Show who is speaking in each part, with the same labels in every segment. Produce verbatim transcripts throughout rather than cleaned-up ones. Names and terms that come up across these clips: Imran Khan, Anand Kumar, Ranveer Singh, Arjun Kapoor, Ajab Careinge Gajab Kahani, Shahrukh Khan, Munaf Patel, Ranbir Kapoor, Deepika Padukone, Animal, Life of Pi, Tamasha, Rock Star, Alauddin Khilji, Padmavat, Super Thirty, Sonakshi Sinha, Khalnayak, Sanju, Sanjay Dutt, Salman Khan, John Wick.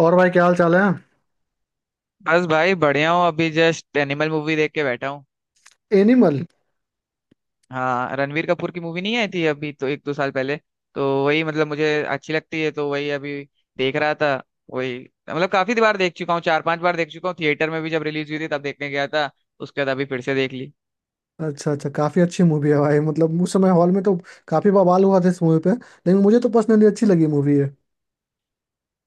Speaker 1: और भाई, क्या हाल चाल है?
Speaker 2: बस भाई बढ़िया हूँ। अभी जस्ट एनिमल मूवी देख के बैठा हूँ।
Speaker 1: एनिमल।
Speaker 2: हाँ, रणवीर कपूर की मूवी नहीं आई थी अभी तो एक दो साल पहले। तो वही, मतलब मुझे अच्छी लगती है तो वही अभी देख रहा था। वही, मतलब काफी बार देख चुका हूँ, चार पांच बार देख चुका हूँ। थिएटर में भी जब रिलीज हुई थी तब देखने गया था। उसके बाद अभी फिर से देख ली।
Speaker 1: अच्छा, अच्छा। काफी अच्छी मूवी है भाई, मतलब उस समय हॉल में तो काफी बवाल हुआ था इस मूवी पे, लेकिन मुझे तो पर्सनली अच्छी लगी मूवी है।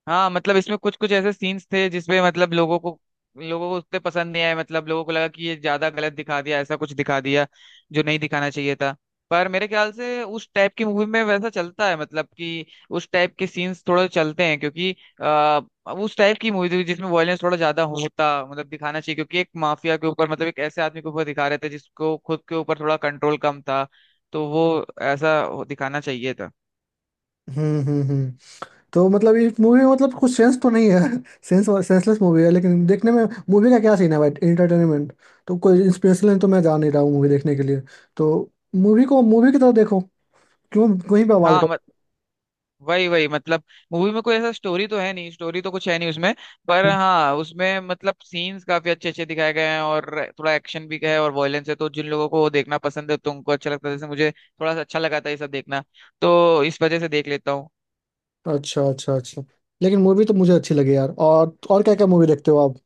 Speaker 2: हाँ, मतलब इसमें कुछ कुछ ऐसे सीन्स थे जिसमें मतलब लोगों को लोगों को उतने पसंद नहीं आए। मतलब लोगों को लगा कि ये ज्यादा गलत दिखा दिया, ऐसा कुछ दिखा दिया जो नहीं दिखाना चाहिए था। पर मेरे ख्याल से उस टाइप की मूवी में वैसा चलता है, मतलब कि उस टाइप के सीन्स थोड़े चलते हैं क्योंकि आ, उस टाइप की मूवी थी जिसमें वॉयलेंस थोड़ा ज्यादा होता, मतलब दिखाना चाहिए क्योंकि एक माफिया के ऊपर, मतलब एक ऐसे आदमी के ऊपर दिखा रहे थे जिसको खुद के ऊपर थोड़ा कंट्रोल कम था। तो वो ऐसा दिखाना चाहिए था।
Speaker 1: हम्म, हम्म, हम्म। तो मतलब इस मूवी में मतलब कुछ सेंस तो नहीं है, सेंस और सेंसलेस मूवी है, लेकिन देखने में मूवी का क्या सीन है भाई, एंटरटेनमेंट। तो कोई इंस्पिरेशन तो मैं जा नहीं रहा हूँ मूवी देखने के लिए, तो मूवी को मूवी की तरह देखो, क्यों कहीं बवाल
Speaker 2: हाँ
Speaker 1: कर।
Speaker 2: वही वही, मतलब मूवी में कोई ऐसा स्टोरी तो है नहीं, स्टोरी तो कुछ है नहीं उसमें। पर हाँ, उसमें मतलब सीन्स काफी अच्छे अच्छे दिखाए गए हैं और थोड़ा एक्शन भी है और वायलेंस है, तो जिन लोगों को वो देखना पसंद है तो उनको अच्छा लगता है। जैसे मुझे थोड़ा सा अच्छा लगा था ये सब देखना, तो इस वजह से देख लेता हूँ।
Speaker 1: अच्छा, अच्छा, अच्छा। लेकिन मूवी तो मुझे अच्छी लगी यार। और और क्या क्या मूवी देखते हो आप?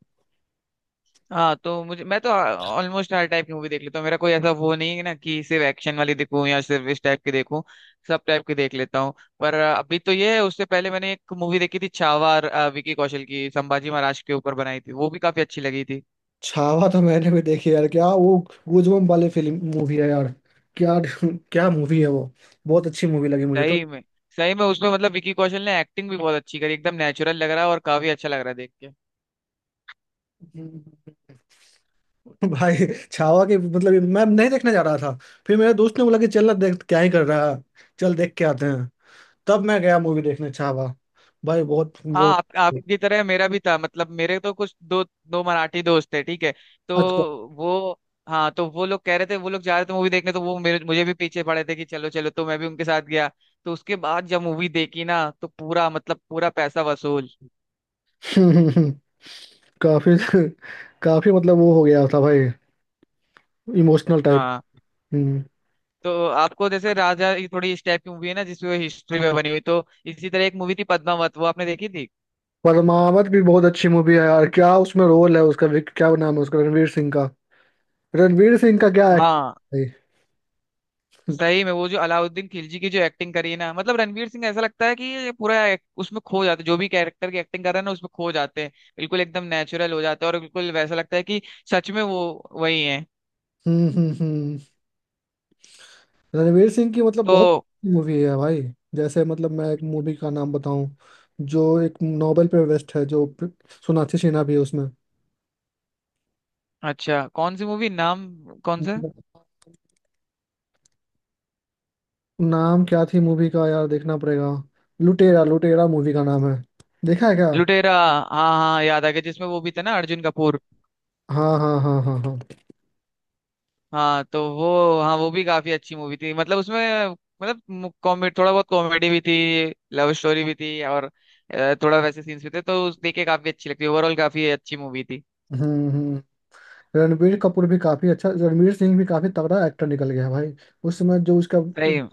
Speaker 2: हाँ तो मुझे मैं तो ऑलमोस्ट हर टाइप की मूवी देख लेता हूँ। मेरा कोई ऐसा वो नहीं है ना कि सिर्फ एक्शन वाली देखूँ या सिर्फ इस टाइप की देखूँ। सब टाइप की देख लेता हूँ। पर अ, अभी तो ये है। उससे पहले मैंने एक मूवी देखी थी, छावा, अ, विकी कौशल की, संभाजी महाराज के ऊपर बनाई थी, वो भी काफी अच्छी लगी थी।
Speaker 1: छावा तो मैंने भी देखी यार, क्या वो गूजबम्प वाली फिल्म मूवी है यार, क्या! क्या मूवी है वो। बहुत अच्छी मूवी लगी मुझे तो।
Speaker 2: सही में, सही में उसमें मतलब विकी कौशल ने एक्टिंग भी बहुत अच्छी करी। एकदम नेचुरल लग रहा है और काफी अच्छा लग रहा है देख के।
Speaker 1: भाई, छावा के मतलब मैं नहीं देखने जा रहा था। फिर मेरे दोस्त ने बोला कि चल ना, देख क्या ही कर रहा है, चल देख के आते हैं। तब मैं गया मूवी देखने छावा। भाई बहुत
Speaker 2: हाँ,
Speaker 1: वो।
Speaker 2: आप आपकी तरह मेरा भी था। मतलब मेरे तो कुछ दो दो मराठी दोस्त थे, ठीक है। तो
Speaker 1: अच्छा।
Speaker 2: वो हाँ तो वो लोग कह रहे थे, वो लोग जा रहे थे मूवी देखने, तो वो मेरे मुझे भी पीछे पड़े थे कि चलो चलो, तो मैं भी उनके साथ गया। तो उसके बाद जब मूवी देखी ना तो पूरा, मतलब पूरा पैसा वसूल।
Speaker 1: हम्म, हम्म, हम्म। काफी, काफी मतलब वो हो गया था भाई, इमोशनल टाइप।
Speaker 2: हाँ
Speaker 1: हम्म।
Speaker 2: तो आपको जैसे राजा, ये थोड़ी इस टाइप की मूवी है ना जिसमें हिस्ट्री में बनी हुई। तो इसी तरह एक मूवी थी पद्मावत, वो आपने देखी थी।
Speaker 1: परमावत भी बहुत अच्छी मूवी है यार, क्या उसमें रोल है उसका, विक- क्या नाम है उसका? रणवीर सिंह का। रणवीर सिंह का क्या
Speaker 2: हाँ,
Speaker 1: एक्टर है भाई!
Speaker 2: सही में वो जो अलाउद्दीन खिलजी की जो एक्टिंग करी है ना, मतलब रणवीर सिंह, ऐसा लगता है कि ये पूरा एक- उसमें खो जाते, जो भी कैरेक्टर की एक्टिंग कर रहा है ना उसमें खो जाते हैं, बिल्कुल एकदम नेचुरल हो जाते हैं और बिल्कुल वैसा लगता है कि सच में वो वही है।
Speaker 1: हम्म, हम्म, हम्म। रणवीर सिंह की मतलब
Speaker 2: तो
Speaker 1: बहुत मूवी है भाई। जैसे मतलब मैं एक मूवी का नाम बताऊं, जो एक नोबेल पे वेस्ट है, जो प्र- सोनाक्षी सिन्हा भी है उसमें।
Speaker 2: अच्छा, कौन सी मूवी, नाम कौन सा?
Speaker 1: नाम क्या थी मूवी का यार, देखना पड़ेगा। लुटेरा, लुटेरा मूवी का नाम है। देखा है क्या?
Speaker 2: लुटेरा? हाँ हाँ, याद आ गया, जिसमें वो भी था ना, अर्जुन कपूर।
Speaker 1: हाँ, हाँ, हाँ, हाँ, हाँ।
Speaker 2: हाँ तो वो हाँ वो भी काफी अच्छी मूवी थी। मतलब उसमें, मतलब कॉमेडी, थोड़ा बहुत कॉमेडी भी थी, लव स्टोरी भी थी और अ, थोड़ा वैसे सीन्स भी थे, तो उस देख के काफी अच्छी लगती है। ओवरऑल काफी अच्छी मूवी थी।
Speaker 1: हम्म, हम्म। रणबीर कपूर भी काफी अच्छा, रणवीर सिंह भी काफी तगड़ा एक्टर निकल गया है भाई। उस समय जो उसका,
Speaker 2: सही।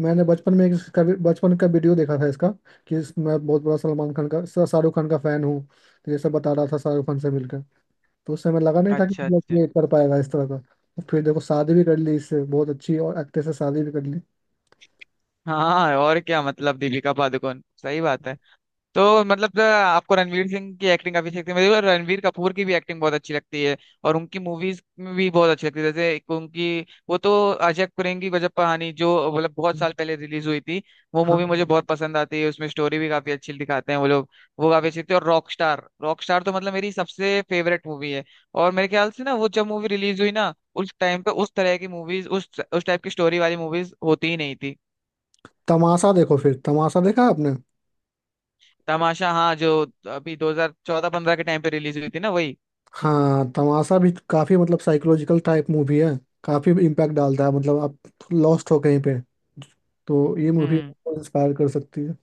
Speaker 1: मैंने बचपन में एक इसका भी- बचपन का वीडियो देखा था इसका, कि इस- मैं बहुत बड़ा सलमान खान का, श- शाहरुख खान का फैन हूँ। तो ये सब बता रहा था शाहरुख खान से मिलकर। तो उस समय लगा नहीं था कि
Speaker 2: अच्छा
Speaker 1: मतलब
Speaker 2: अच्छा।
Speaker 1: ये कर पाएगा इस तरह का। तो फिर देखो, शादी भी कर ली, इससे बहुत अच्छी, और एक्ट्रेस से शादी भी कर ली।
Speaker 2: हाँ, और क्या, मतलब दीपिका पादुकोण, सही बात है। तो मतलब अ, आपको रणवीर सिंह की एक्टिंग काफी अच्छी लगती है, मुझे रणवीर कपूर की भी एक्टिंग बहुत अच्छी लगती है। और उनकी मूवीज में भी बहुत अच्छी लगती है। जैसे एक उनकी, वो तो, अजब करेंगी गजब कहानी, जो मतलब बहुत साल पहले रिलीज हुई थी, वो
Speaker 1: हाँ,
Speaker 2: मूवी मुझे बहुत पसंद आती है। उसमें स्टोरी भी काफी अच्छी दिखाते हैं वो लोग। वो काफी अच्छी थी। और रॉक स्टार, रॉक स्टार तो मतलब मेरी सबसे फेवरेट मूवी है। और मेरे ख्याल से ना, वो जब मूवी रिलीज हुई ना उस टाइम पे उस तरह की मूवीज, उस उस टाइप की स्टोरी वाली मूवीज होती ही नहीं थी।
Speaker 1: तमाशा देखो, फिर तमाशा देखा आपने?
Speaker 2: तमाशा, हाँ, जो अभी दो हज़ार चौदह-पंद्रह के टाइम पे रिलीज हुई थी ना, वही।
Speaker 1: हाँ, तमाशा भी काफी मतलब साइकोलॉजिकल टाइप मूवी है। काफी इम्पैक्ट डालता है, मतलब आप लॉस्ट हो कहीं पे, तो ये मूवी
Speaker 2: हम्म,
Speaker 1: आपको इंस्पायर कर सकती है।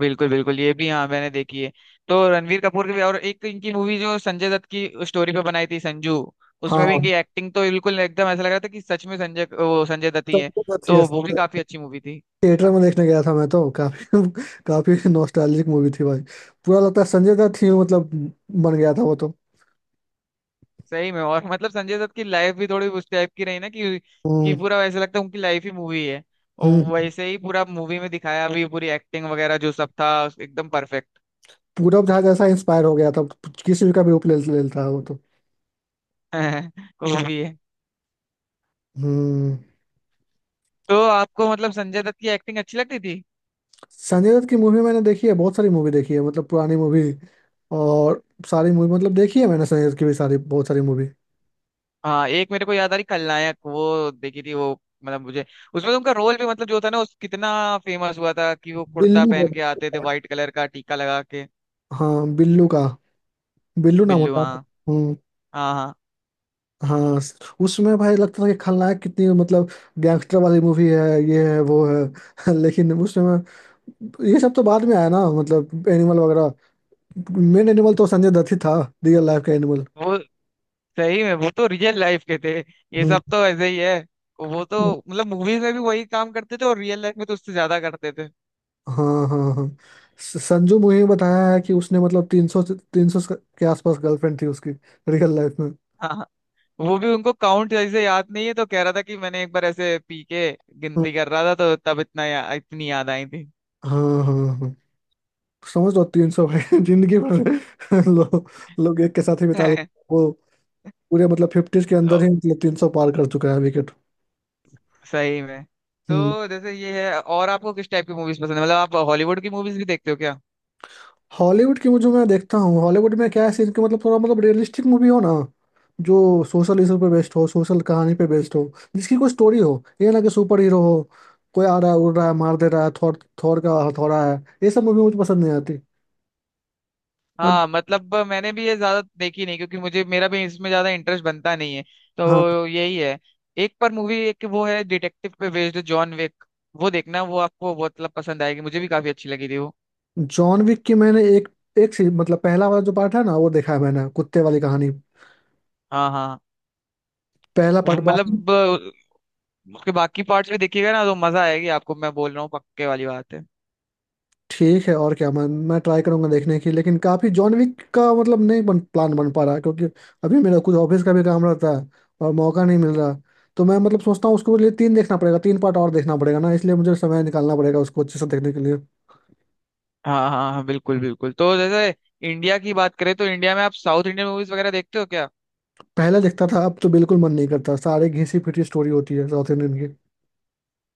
Speaker 2: बिल्कुल बिल्कुल, ये भी हाँ मैंने देखी है। तो रणवीर कपूर की भी, और एक इनकी मूवी जो संजय दत्त की स्टोरी पे बनाई थी, संजू। उसमें भी
Speaker 1: हाँ,
Speaker 2: इनकी एक्टिंग तो बिल्कुल एकदम, ऐसा लग रहा था कि सच में संजय वो संजय दत्त ही है।
Speaker 1: सबसे अच्छी है।
Speaker 2: तो वो भी काफी अच्छी मूवी थी।
Speaker 1: थिएटर में देखने गया था मैं तो, काफी काफी नॉस्टैल्जिक मूवी थी भाई। पूरा लगता है संजय दत्त ही मतलब बन गया था वो तो।
Speaker 2: सही में, और मतलब संजय दत्त की लाइफ भी थोड़ी उस टाइप की रही ना, कि कि
Speaker 1: हम्म,
Speaker 2: पूरा ऐसा लगता है उनकी लाइफ ही मूवी है। और
Speaker 1: हम्म।
Speaker 2: वैसे ही पूरा मूवी में दिखाया भी, पूरी एक्टिंग वगैरह जो सब था, एकदम परफेक्ट।
Speaker 1: पूरब जहाज ऐसा इंस्पायर हो गया था, किसी भी का भी रूप ले ले लेता है वो तो।
Speaker 2: वो
Speaker 1: हम्म,
Speaker 2: भी है।
Speaker 1: हम्म।
Speaker 2: तो आपको मतलब संजय दत्त की एक्टिंग अच्छी लगती।
Speaker 1: संजय दत्त की मूवी मैंने देखी है, बहुत सारी मूवी देखी है मतलब, पुरानी मूवी। और सारी मूवी मतलब देखी है मैंने, संजय दत्त की भी सारी, बहुत सारी मूवी।
Speaker 2: हाँ, एक मेरे को याद आ रही, खलनायक, वो देखी थी वो, मतलब मुझे उसमें तो उनका रोल भी, मतलब जो था ना उस, कितना फेमस हुआ था कि वो कुर्ता
Speaker 1: बिल्लू का।
Speaker 2: पहन के आते थे, व्हाइट कलर का टीका लगा के।
Speaker 1: हाँ, बिल्लू का। बिल्लू नाम
Speaker 2: बिल्लू,
Speaker 1: होता
Speaker 2: हाँ
Speaker 1: है। हम्म।
Speaker 2: हाँ हाँ।
Speaker 1: हाँ, स- उसमें भाई लगता था कि खलनायक कितनी मतलब गैंगस्टर वाली मूवी है, ये है वो है, लेकिन उसमें ये सब तो बाद में आया ना, मतलब एनिमल वगैरह। मेन एनिमल तो संजय दत्त ही था, रियल लाइफ का एनिमल।
Speaker 2: वो सही में, वो तो रियल लाइफ के थे। ये
Speaker 1: हम्म।
Speaker 2: सब तो ऐसे ही है। वो तो मतलब मूवीज में भी वही काम करते थे और रियल लाइफ में तो उससे ज्यादा करते थे।
Speaker 1: हाँ, हाँ, हाँ। स- संजू मूवी में बताया है कि उसने मतलब तीन सौ, तीन सौ के आसपास गर्लफ्रेंड थी उसकी, रियल लाइफ में।
Speaker 2: हाँ हाँ, वो भी उनको काउंट जैसे याद नहीं है, तो कह रहा था कि मैंने एक बार ऐसे पी के गिनती कर रहा था, तो तब इतना या, इतनी याद आई
Speaker 1: हाँ, हाँ, हाँ। समझ लो तीन सौ भाई, जिंदगी भर लोग, लोग एक के साथ ही
Speaker 2: थी।
Speaker 1: बिता लेते हैं। वो पूरे मतलब फिफ्टीज के अंदर ही मतलब तीन सौ पार कर चुका है विकेट।
Speaker 2: सही में।
Speaker 1: हम्म,
Speaker 2: तो जैसे ये है, और आपको किस टाइप की मूवीज पसंद है? मतलब आप हॉलीवुड की मूवीज भी देखते हो क्या?
Speaker 1: हॉलीवुड की मुझे, मैं देखता हूँ। हॉलीवुड में क्या है सीन कि मतलब थोड़ा मतलब रियलिस्टिक मूवी हो ना, जो सोशल इशू पे बेस्ड हो, सोशल कहानी पे बेस्ड हो, जिसकी कोई स्टोरी हो, ये ना कि सुपर हीरो हो, कोई आ रहा है, उड़ रहा है, मार दे रहा है, थॉर, थॉर का हथौड़ा है, ये सब मूवी मुझे पसंद नहीं आती। बट
Speaker 2: हाँ, मतलब मैंने भी ये ज्यादा देखी नहीं क्योंकि मुझे मेरा भी इसमें ज्यादा इंटरेस्ट बनता नहीं है।
Speaker 1: हाँ,
Speaker 2: तो यही है। एक पर मूवी, एक वो है डिटेक्टिव पे बेस्ड, जॉन विक, वो देखना, वो आपको बहुत मतलब पसंद आएगी। मुझे भी काफी अच्छी लगी थी वो।
Speaker 1: जॉन विक की मैंने एक, एक सी- मतलब पहला वाला जो पार्ट है ना वो देखा है मैंने, कुत्ते वाली कहानी।
Speaker 2: हाँ हाँ,
Speaker 1: पहला
Speaker 2: वो
Speaker 1: पार्ट बाकी।
Speaker 2: मतलब अ, उसके बाकी पार्ट्स भी देखिएगा ना तो मजा आएगी आपको। मैं बोल रहा हूँ, पक्के वाली बात है।
Speaker 1: ठीक है, और क्या, मैं मैं ट्राई करूंगा देखने की, लेकिन काफी जॉन विक का मतलब नहीं बन, प्लान बन पा रहा, क्योंकि अभी मेरा कुछ ऑफिस का भी काम रहता है, और मौका नहीं मिल रहा। तो मैं मतलब सोचता हूँ उसको लिए तीन देखना पड़ेगा, तीन पार्ट और देखना पड़ेगा ना, इसलिए मुझे समय निकालना पड़ेगा उसको अच्छे से देखने के लिए।
Speaker 2: हाँ हाँ हाँ, बिल्कुल बिल्कुल। तो जैसे इंडिया की बात करें तो इंडिया में आप साउथ इंडियन मूवीज वगैरह देखते हो क्या?
Speaker 1: पहले देखता था, अब तो बिल्कुल मन नहीं करता। सारे घिसी पिटी स्टोरी होती है साउथ इंडियन की।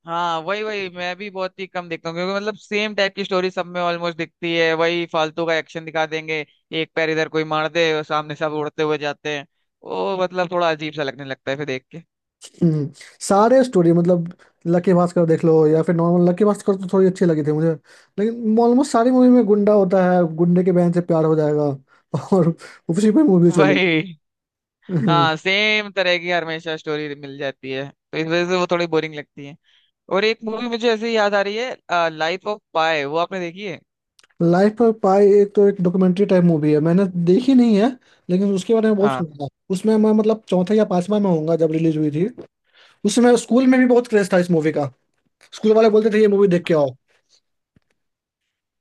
Speaker 2: हाँ वही वही, मैं भी बहुत ही कम देखता हूँ क्योंकि मतलब सेम टाइप की स्टोरी सब में ऑलमोस्ट दिखती है। वही फालतू का एक्शन दिखा देंगे, एक पैर इधर कोई मार दे और सामने सब उड़ते हुए जाते हैं। वो मतलब थोड़ा अजीब सा लगने लगता है फिर देख के।
Speaker 1: हम्म, सारे स्टोरी मतलब लकी भास्कर देख लो या फिर नॉर्मल। लकी भास्कर तो थोड़ी अच्छी लगी थी मुझे, लेकिन ऑलमोस्ट सारी मूवी में गुंडा होता है, गुंडे के बहन से प्यार हो जाएगा, और उसी पे मूवी चली।
Speaker 2: वही, हाँ, सेम तरह की हमेशा स्टोरी मिल जाती है तो इस वजह से वो थोड़ी बोरिंग लगती है। और एक मूवी मुझे ऐसे ही याद आ रही है, लाइफ ऑफ पाई, वो आपने देखी है।
Speaker 1: लाइफ पर पाई, एक तो एक डॉक्यूमेंट्री टाइप मूवी है, मैंने देखी नहीं है, लेकिन उसके बारे में बहुत
Speaker 2: हाँ
Speaker 1: सुना था। उसमें मैं मतलब चौथा या पांचवा में होऊंगा जब रिलीज हुई थी। उसमें स्कूल में भी बहुत क्रेज था इस मूवी का, स्कूल वाले बोलते थे ये मूवी देख के आओ।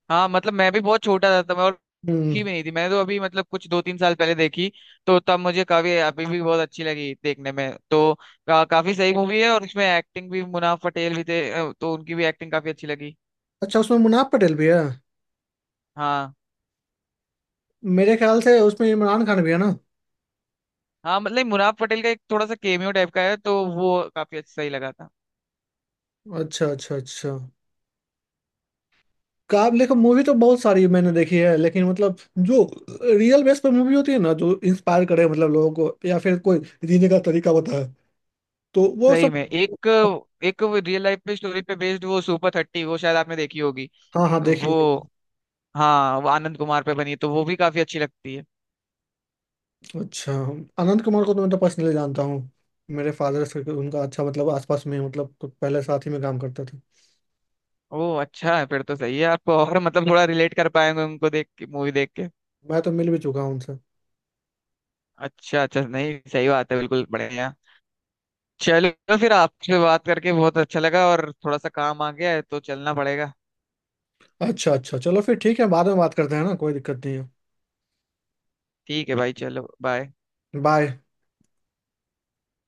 Speaker 2: हाँ, मतलब मैं भी बहुत छोटा था तब, और
Speaker 1: हम्म।
Speaker 2: देखी भी नहीं थी मैंने तो, अभी मतलब कुछ दो तीन साल पहले देखी। तो तब मुझे काफी, अभी भी बहुत अच्छी लगी देखने में, तो का, काफी सही मूवी है। और उसमें एक्टिंग भी, मुनाफ पटेल भी थे, अ, तो उनकी भी एक्टिंग काफी अच्छी लगी।
Speaker 1: अच्छा, उसमें मुनाफ पटेल भी है?
Speaker 2: हाँ
Speaker 1: मेरे ख्याल से उसमें इमरान खान भी है ना।
Speaker 2: हाँ, मतलब मुनाफ पटेल का एक थोड़ा सा केमियो टाइप का है, तो वो काफी अच्छा, सही लगा था।
Speaker 1: अच्छा, अच्छा, अच्छा। काब देखो मूवी तो बहुत सारी मैंने देखी है, लेकिन मतलब जो रियल बेस पर मूवी होती है ना, जो इंस्पायर करे मतलब लोगों को, या फिर कोई जीने का तरीका बताए, तो वो
Speaker 2: सही
Speaker 1: सब।
Speaker 2: में, एक एक रियल लाइफ पे, स्टोरी पे बेस्ड, वो सुपर थर्टी, वो शायद आपने देखी होगी।
Speaker 1: हाँ, हाँ, देखिए।
Speaker 2: वो हाँ, वो आनंद कुमार पे बनी है, तो वो भी काफी अच्छी लगती है।
Speaker 1: अच्छा, आनंद कुमार को तो मैं तो पर्सनली जानता हूँ, मेरे फादर से उनका अच्छा मतलब आसपास में, मतलब कुछ पहले साथ ही में काम करते थे।
Speaker 2: ओ अच्छा, फिर तो सही है आपको, और मतलब थोड़ा रिलेट कर पाएंगे उनको देख के, मूवी देख के।
Speaker 1: मैं तो मिल भी चुका हूँ उनसे।
Speaker 2: अच्छा अच्छा, नहीं सही बात है, बिल्कुल बढ़िया। चलो फिर आपसे बात करके बहुत अच्छा लगा, और थोड़ा सा काम आ गया है तो चलना पड़ेगा।
Speaker 1: अच्छा, अच्छा, चलो फिर ठीक है, बाद में बात करते हैं ना, कोई दिक्कत नहीं है।
Speaker 2: ठीक है भाई, चलो, बाय।
Speaker 1: बाय।